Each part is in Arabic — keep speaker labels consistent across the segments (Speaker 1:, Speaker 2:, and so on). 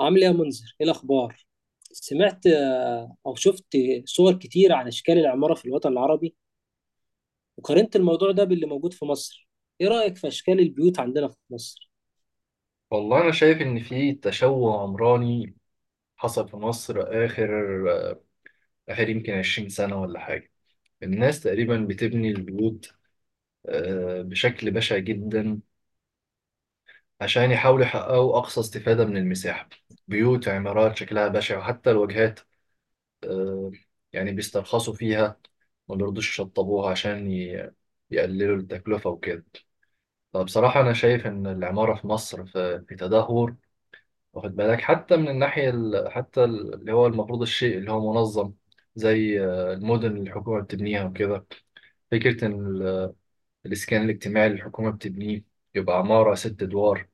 Speaker 1: عامل ايه يا منذر؟ ايه الاخبار؟ سمعت او شفت صور كتير عن اشكال العمارة في الوطن العربي، وقارنت الموضوع ده باللي موجود في مصر. ايه رأيك في اشكال البيوت عندنا في مصر؟
Speaker 2: والله أنا شايف إن في تشوه عمراني حصل في مصر آخر آخر يمكن 20 سنة ولا حاجة. الناس تقريبا بتبني البيوت، بشكل بشع جدا، عشان يحاولوا يحققوا أقصى استفادة من المساحة. بيوت، عمارات شكلها بشع، وحتى الواجهات يعني بيسترخصوا فيها، ما بيرضوش يشطبوها عشان يقللوا التكلفة وكده. فبصراحة أنا شايف إن العمارة في مصر في تدهور. واخد بالك؟ حتى من الناحية اللي هو المفروض الشيء اللي هو منظم، زي المدن اللي الحكومة بتبنيها وكده. فكرة إن الإسكان الاجتماعي اللي الحكومة بتبنيه يبقى عمارة 6 أدوار،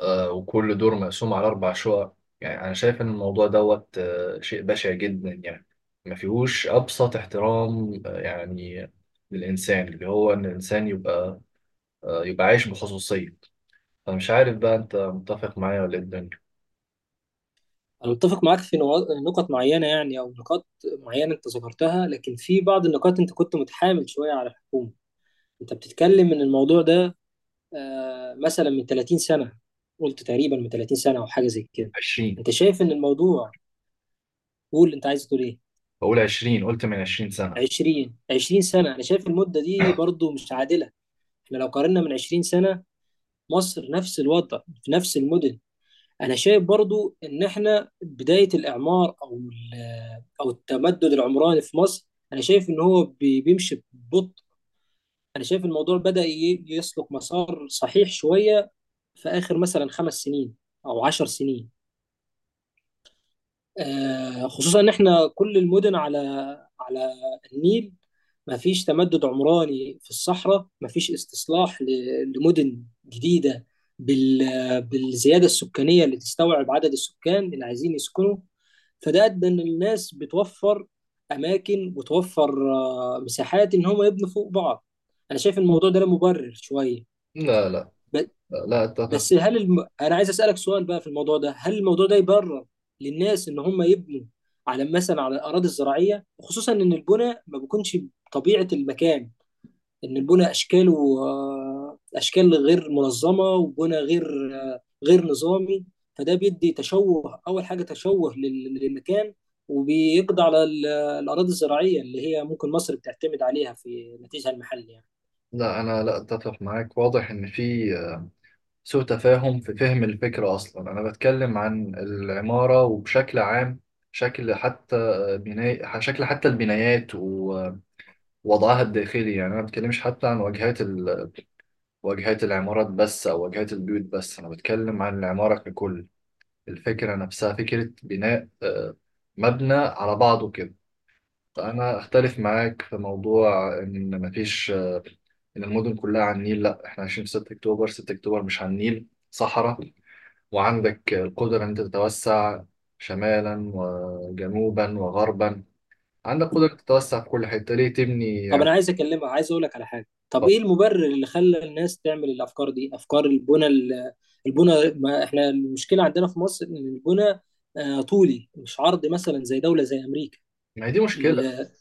Speaker 2: وكل دور مقسوم على 4 شقق. يعني أنا شايف إن الموضوع دوت شيء بشع جدا يعني. ما فيهوش أبسط احترام يعني، للإنسان، اللي هو إن الإنسان يبقى يبقى عايش بخصوصية. فمش عارف بقى، أنت متفق معايا ولا إيه الدنيا؟
Speaker 1: انا متفق معاك في نقط معينة، يعني او نقاط معينة انت ذكرتها، لكن في بعض النقاط انت كنت متحامل شوية على الحكومة. انت بتتكلم ان الموضوع ده مثلا من 30 سنة، قلت تقريبا من 30 سنة او حاجة زي كده.
Speaker 2: 20.
Speaker 1: انت شايف ان الموضوع، قول انت عايز تقول ايه؟
Speaker 2: بقول 20، قلت من 20 سنة.
Speaker 1: 20، 20 سنة أنا شايف المدة دي برضو مش عادلة. احنا لو قارنا من 20 سنة، مصر نفس الوضع في نفس المدن. أنا شايف برضو إن احنا بداية الإعمار أو أو التمدد العمراني في مصر. أنا شايف إن هو بيمشي ببطء. أنا شايف الموضوع بدأ يسلك مسار صحيح شوية في آخر مثلا 5 سنين أو 10 سنين، خصوصا ان احنا كل المدن على النيل. ما فيش تمدد عمراني في الصحراء، ما فيش استصلاح لمدن جديده بالزياده السكانيه اللي تستوعب عدد السكان اللي عايزين يسكنوا. فده ادى ان الناس بتوفر اماكن وتوفر مساحات ان هم يبنوا فوق بعض. انا شايف الموضوع ده له مبرر شويه.
Speaker 2: لا، لا،
Speaker 1: ب-
Speaker 2: لا أتفق.
Speaker 1: بس هل انا عايز اسالك سؤال بقى في الموضوع ده، هل الموضوع ده يبرر للناس ان هم يبنوا على، مثلا، على الاراضي الزراعيه، خصوصا ان البناء ما بيكونش طبيعه المكان، ان البناء اشكاله اشكال غير منظمه، وبناء غير نظامي؟ فده بيدي تشوه، اول حاجه تشوه للمكان، وبيقضي على الاراضي الزراعيه اللي هي ممكن مصر بتعتمد عليها في نتيجها المحلي يعني.
Speaker 2: لا، أنا لا أتفق معاك. واضح إن في سوء تفاهم في فهم الفكرة. أصلا أنا بتكلم عن العمارة، وبشكل عام شكل حتى بناء، شكل حتى البنايات ووضعها الداخلي. يعني أنا ما بتكلمش حتى عن واجهات العمارات بس، أو واجهات البيوت بس. أنا بتكلم عن العمارة ككل، الفكرة نفسها، فكرة بناء مبنى على بعضه كده. انا اختلف معاك في موضوع ان مفيش، ان المدن كلها على النيل. لا، احنا عايشين في 6 اكتوبر، 6 اكتوبر مش على النيل، صحراء. وعندك القدرة ان انت تتوسع شمالا وجنوبا وغربا، عندك قدرة تتوسع في كل حتة، ليه تبني
Speaker 1: طب انا
Speaker 2: عمارات؟
Speaker 1: عايز اكلمها، عايز اقول لك على حاجه. طب ايه المبرر اللي خلى الناس تعمل الافكار دي، افكار البنى البنى؟ ما احنا المشكله عندنا في مصر ان البنى طولي مش عرض، مثلا زي دوله زي امريكا.
Speaker 2: ما هي دي مشكلة،
Speaker 1: ال-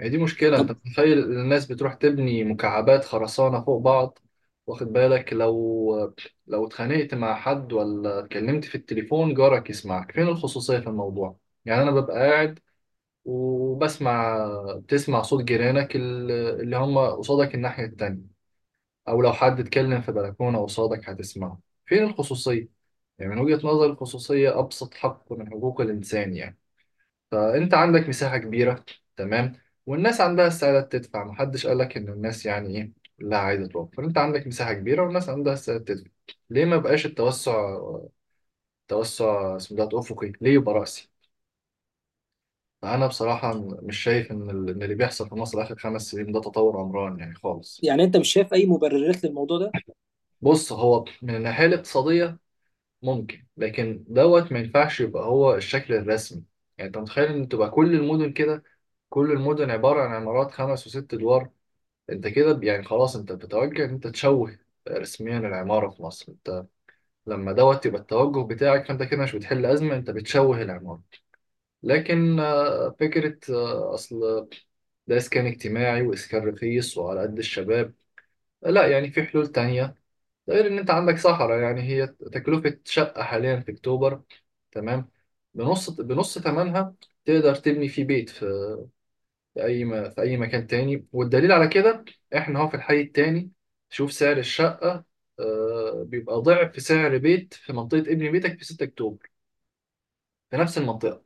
Speaker 2: هي دي مشكلة. أنت
Speaker 1: طب
Speaker 2: متخيل الناس بتروح تبني مكعبات خرسانة فوق بعض؟ واخد بالك، لو اتخانقت مع حد ولا اتكلمت في التليفون جارك يسمعك، فين الخصوصية في الموضوع؟ يعني أنا ببقى قاعد وبسمع، بتسمع صوت جيرانك اللي هم قصادك الناحية التانية، أو لو حد اتكلم في بلكونة قصادك هتسمعه. فين الخصوصية؟ يعني من وجهة نظري الخصوصية أبسط حق من حقوق الإنسان. يعني فأنت عندك مساحة كبيرة، تمام، والناس عندها استعداد تدفع، محدش قالك إن الناس يعني إيه، لا عايزة توفر. أنت عندك مساحة كبيرة والناس عندها استعداد تدفع، ليه ما بقاش التوسع؟ توسع اسمه ده أفقي، ليه يبقى رأسي؟ فأنا بصراحة مش شايف إن اللي بيحصل في مصر آخر 5 سنين ده تطور عمران يعني خالص.
Speaker 1: يعني انت مش شايف اي مبررات للموضوع ده؟
Speaker 2: بص، هو من الناحية الاقتصادية ممكن، لكن دوت ما ينفعش يبقى هو الشكل الرسمي. يعني أنت متخيل إن تبقى كل المدن كده؟ كل المدن عبارة عن عمارات 5 و6 أدوار؟ انت كده، يعني خلاص، انت بتتوجه ان انت تشوه رسميا العمارة في مصر. انت لما دوت يبقى التوجه بتاعك، فانت كده مش بتحل أزمة، انت بتشوه العمارة. لكن فكرة أصل ده إسكان اجتماعي وإسكان رخيص وعلى قد الشباب، لا، يعني في حلول تانية. ده غير إن أنت عندك صحراء. يعني هي تكلفة شقة حاليا في أكتوبر، تمام، بنص بنص ثمنها تقدر تبني فيه بيت في في اي مكان تاني. والدليل على كده، احنا هو في الحي التاني شوف سعر الشقه، بيبقى ضعف سعر بيت في منطقه ابن بيتك في 6 اكتوبر. في نفس المنطقه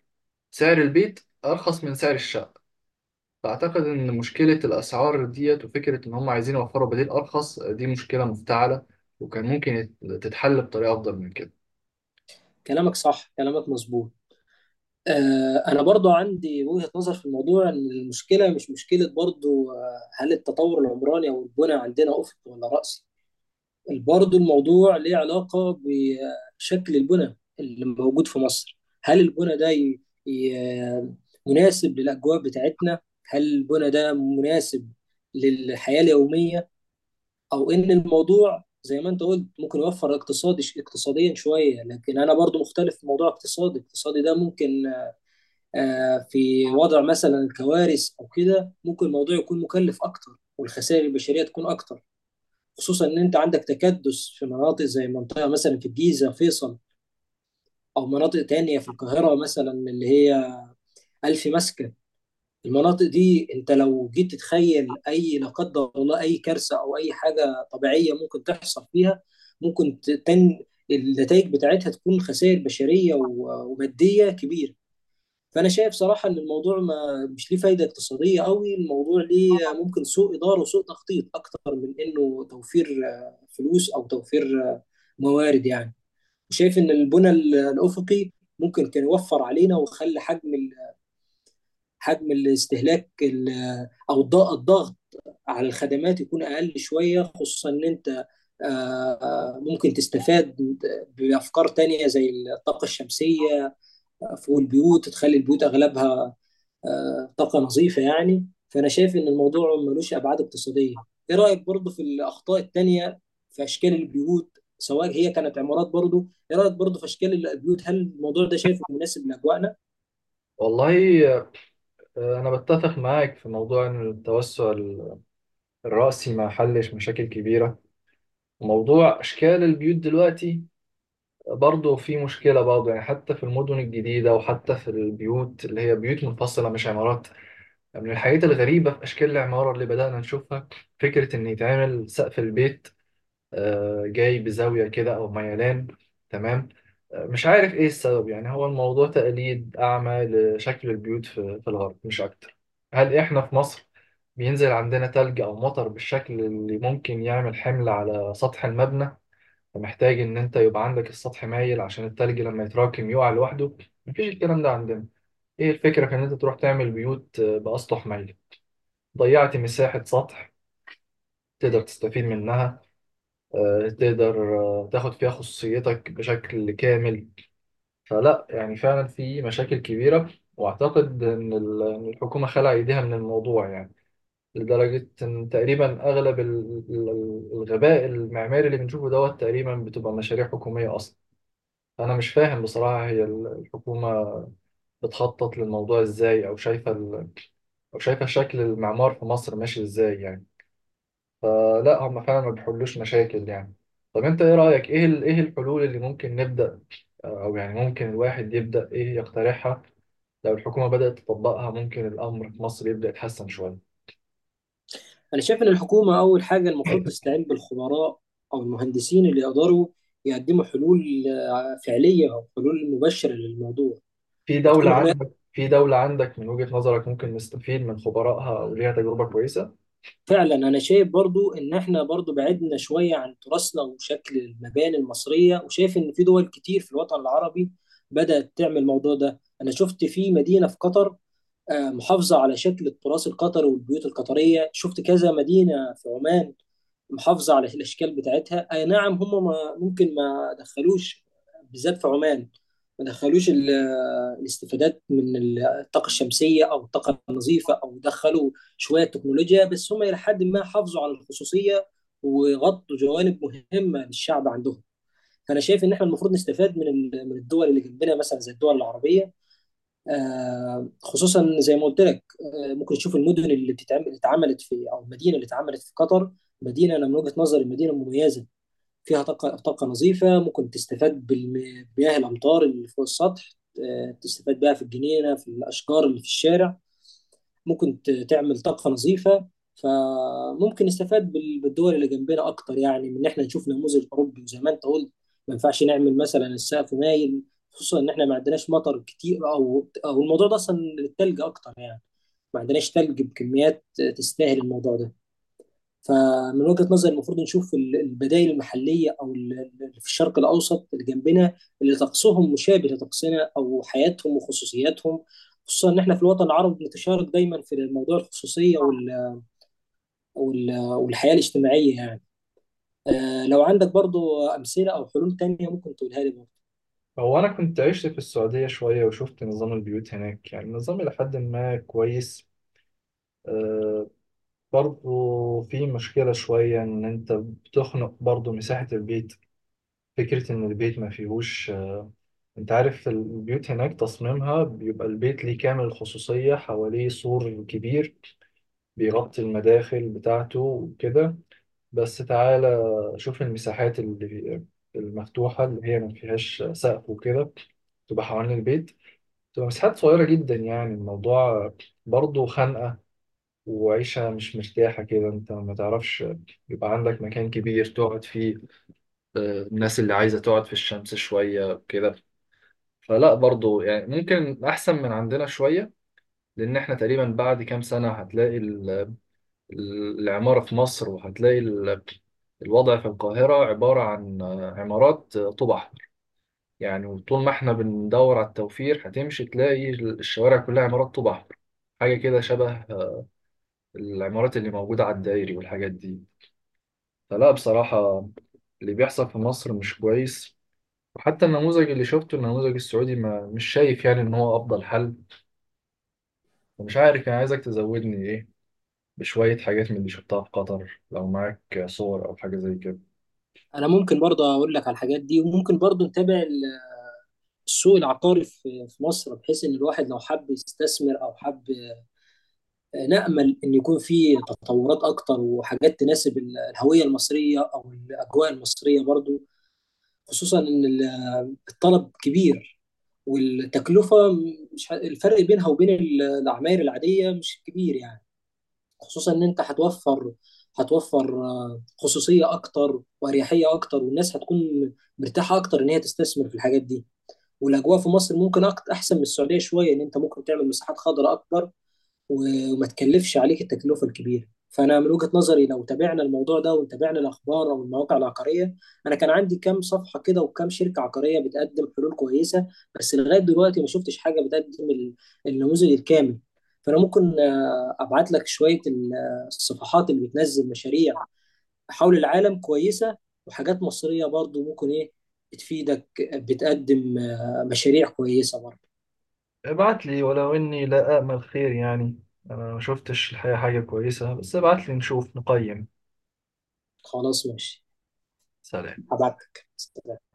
Speaker 2: سعر البيت ارخص من سعر الشقه. فاعتقد ان مشكله الاسعار ديت، وفكره ان هم عايزين يوفروا بديل ارخص، دي مشكله مفتعله، وكان ممكن تتحل بطريقه افضل من كده.
Speaker 1: كلامك صح، كلامك مظبوط. انا برضو عندي وجهه نظر في الموضوع، ان المشكله مش مشكله برضو. هل التطور العمراني او البنى عندنا افق ولا رأس؟ برضه الموضوع ليه علاقة بشكل البنى اللي موجود في مصر. هل البنى ده ي... مناسب للأجواء بتاعتنا؟ هل البنى ده مناسب للحياة اليومية؟ أو إن الموضوع، زي ما أنت قلت، ممكن يوفر اقتصادي اقتصاديا شوية، لكن أنا برضو مختلف في موضوع اقتصادي ده. ممكن في وضع مثلا الكوارث أو كده ممكن الموضوع يكون مكلف أكتر، والخسائر البشرية تكون أكتر، خصوصا ان انت عندك تكدس في مناطق زي منطقه مثلا في الجيزه، فيصل، او مناطق تانية في القاهره مثلا، اللي هي الف مسكن. المناطق دي انت لو جيت تتخيل اي، لا قدر الله، اي كارثه او اي حاجه طبيعيه ممكن تحصل فيها، ممكن ت- تن النتائج بتاعتها تكون خسائر بشريه وماديه كبيره. فانا شايف صراحه ان الموضوع ما مش ليه فايده اقتصاديه قوي، الموضوع ليه ممكن سوء اداره وسوء تخطيط اكتر من انه توفير فلوس او توفير موارد يعني. وشايف ان البنى الافقي ممكن كان يوفر علينا، وخلى حجم حجم الاستهلاك او الضغط على الخدمات يكون اقل شويه، خصوصا ان انت ممكن تستفاد بافكار تانية زي الطاقه الشمسيه فوق البيوت تخلي البيوت اغلبها طاقة نظيفة يعني. فأنا شايف إن الموضوع ملوش أبعاد اقتصادية. إيه رأيك برضه في الأخطاء التانية في أشكال البيوت، سواء هي كانت عمارات؟ برضه إيه رأيك برضه في أشكال البيوت؟ هل الموضوع ده شايفه مناسب لأجواءنا؟
Speaker 2: والله أنا بتفق معاك في موضوع إن التوسع الرأسي ما حلش مشاكل كبيرة. موضوع أشكال البيوت دلوقتي برضه في مشكلة، برضه يعني، حتى في المدن الجديدة وحتى في البيوت اللي هي بيوت منفصلة مش عمارات. يعني من الحاجات الغريبة في أشكال العمارة اللي بدأنا نشوفها، فكرة إن يتعمل سقف البيت جاي بزاوية كده أو ميلان، تمام. مش عارف إيه السبب، يعني هو الموضوع تقليد أعمى لشكل البيوت في الغرب مش أكتر. هل إحنا في مصر بينزل عندنا تلج أو مطر بالشكل اللي ممكن يعمل حمل على سطح المبنى، فمحتاج ان انت يبقى عندك السطح مايل عشان التلج لما يتراكم يقع لوحده؟ مفيش الكلام ده عندنا. ايه الفكرة كان انت تروح تعمل بيوت بأسطح مايل؟ ضيعت مساحة سطح تقدر تستفيد منها، تقدر تاخد فيها خصوصيتك بشكل كامل. فلا، يعني فعلا في مشاكل كبيرة، واعتقد ان إن الحكومة خلع ايديها من الموضوع يعني. لدرجة ان تقريبا اغلب الغباء المعماري اللي بنشوفه دوت تقريبا بتبقى مشاريع حكومية اصلا. أنا مش فاهم بصراحة، هي الحكومة بتخطط للموضوع إزاي، أو شايفة شكل المعمار في مصر ماشي إزاي يعني؟ فلا، هم فعلا ما بيحلوش مشاكل يعني. طب أنت إيه رأيك، إيه الحلول اللي ممكن نبدأ، أو يعني ممكن الواحد يبدأ إيه يقترحها، لو الحكومة بدأت تطبقها ممكن الأمر في مصر يبدأ يتحسن شوية؟
Speaker 1: أنا شايف إن الحكومة أول حاجة المفروض تستعين بالخبراء أو المهندسين اللي يقدروا يقدموا حلول فعلية أو حلول مبشرة للموضوع، وتكون هناك
Speaker 2: في دولة عندك من وجهة نظرك ممكن نستفيد من خبرائها أو ليها تجربة كويسة؟
Speaker 1: فعلا. انا شايف برضو ان احنا برضو بعدنا شوية عن تراثنا وشكل المباني المصرية، وشايف ان في دول كتير في الوطن العربي بدأت تعمل الموضوع ده. انا شفت في مدينة في قطر، محافظة على شكل التراث القطري والبيوت القطرية. شفت كذا مدينة في عمان محافظه على الاشكال بتاعتها. اي نعم، هم ما ممكن، ما دخلوش بالذات في عمان، ما دخلوش الاستفادات من الطاقه الشمسيه او الطاقه النظيفه، او دخلوا شويه تكنولوجيا، بس هم الى حد ما حافظوا على الخصوصيه وغطوا جوانب مهمه للشعب عندهم. فانا شايف ان احنا المفروض نستفاد من الدول اللي جنبنا، مثلا زي الدول العربيه. خصوصا زي ما قلت لك، ممكن تشوف المدن اللي بتتعمل، اللي اتعملت في، او المدينه اللي اتعملت في قطر. مدينه، انا من وجهه نظري، مدينه مميزه فيها طاقه نظيفه، ممكن تستفاد بالمياه، الامطار اللي فوق السطح، تستفاد بها في الجنينه، في الاشجار اللي في الشارع. ممكن تعمل طاقة نظيفة. فممكن نستفاد بالدول اللي جنبنا أكتر، يعني من إن إحنا نشوف نموذج أوروبي. وزي ما أنت قلت، ما ينفعش نعمل مثلا السقف مايل، خصوصا إن إحنا ما عندناش مطر كتير، أو الموضوع ده أصلا للتلج أكتر يعني. ما عندناش تلج بكميات تستاهل الموضوع ده. فمن وجهة نظري المفروض نشوف البدائل المحلية، أو في الشرق الأوسط اللي جنبنا، اللي طقسهم مشابه لطقسنا، أو حياتهم وخصوصياتهم، خصوصا إن إحنا في الوطن العربي بنتشارك دايما في موضوع الخصوصية والحياة الاجتماعية يعني. لو عندك برضو أمثلة أو حلول تانية ممكن تقولها لي برضو.
Speaker 2: هو أنا كنت عشت في السعودية شوية وشفت نظام البيوت هناك، يعني النظام إلى حد ما كويس. برضه في مشكلة شوية إن أنت بتخنق برضه مساحة البيت. فكرة إن البيت ما فيهوش، أنت عارف البيوت هناك تصميمها بيبقى البيت ليه كامل الخصوصية، حواليه سور كبير بيغطي المداخل بتاعته وكده. بس تعالى شوف المساحات المفتوحة اللي هي ما فيهاش سقف وكده، تبقى حوالين البيت، بتبقى مساحات صغيرة جدا، يعني الموضوع برضه خانقة. وعيشة مش مرتاحة كده، انت ما تعرفش يبقى عندك مكان كبير تقعد فيه، الناس اللي عايزة تقعد في الشمس شوية كده. فلا، برضه يعني ممكن أحسن من عندنا شوية. لأن احنا تقريبا بعد كام سنة هتلاقي العمارة في مصر، وهتلاقي الوضع في القاهرة عبارة عن عمارات طوب أحمر. يعني وطول ما احنا بندور على التوفير هتمشي تلاقي الشوارع كلها عمارات طوب أحمر، حاجة كده شبه العمارات اللي موجودة على الدائري والحاجات دي. فلا بصراحة اللي بيحصل في مصر مش كويس. وحتى النموذج اللي شفته، النموذج السعودي، ما مش شايف يعني إن هو أفضل حل. ومش عارف، يعني عايزك تزودني إيه بشوية حاجات من اللي شفتها في قطر، لو معاك صور أو حاجة زي كده.
Speaker 1: أنا ممكن برضو أقول لك على الحاجات دي، وممكن برضو نتابع السوق العقاري في مصر، بحيث إن الواحد لو حب يستثمر أو حب، نأمل إن يكون في تطورات أكتر وحاجات تناسب الهوية المصرية أو الأجواء المصرية برضو، خصوصا إن الطلب كبير والتكلفة مش الفرق بينها وبين العماير العادية مش كبير يعني، خصوصا إن أنت هتوفر خصوصية أكتر وأريحية أكتر، والناس هتكون مرتاحة أكتر إن هي تستثمر في الحاجات دي. والأجواء في مصر ممكن أكتر أحسن من السعودية شوية، إن أنت ممكن تعمل مساحات خضراء أكبر، وما تكلفش عليك التكلفة الكبيرة. فأنا من وجهة نظري لو تابعنا الموضوع ده وتابعنا الأخبار أو المواقع العقارية، أنا كان عندي كام صفحة كده وكام شركة عقارية بتقدم حلول كويسة، بس لغاية دلوقتي ما شفتش حاجة بتقدم النموذج الكامل. فأنا ممكن أبعت لك شوية الصفحات اللي بتنزل مشاريع حول العالم كويسة، وحاجات مصرية برضو، ممكن إيه، بتفيدك، بتقدم مشاريع كويسة برضو.
Speaker 2: ابعت لي، ولو إني لا أأمل خير يعني، أنا ما شفتش الحقيقة حاجة كويسة، بس ابعت لي نشوف نقيم.
Speaker 1: خلاص، ماشي.
Speaker 2: سلام.
Speaker 1: هبعت لك.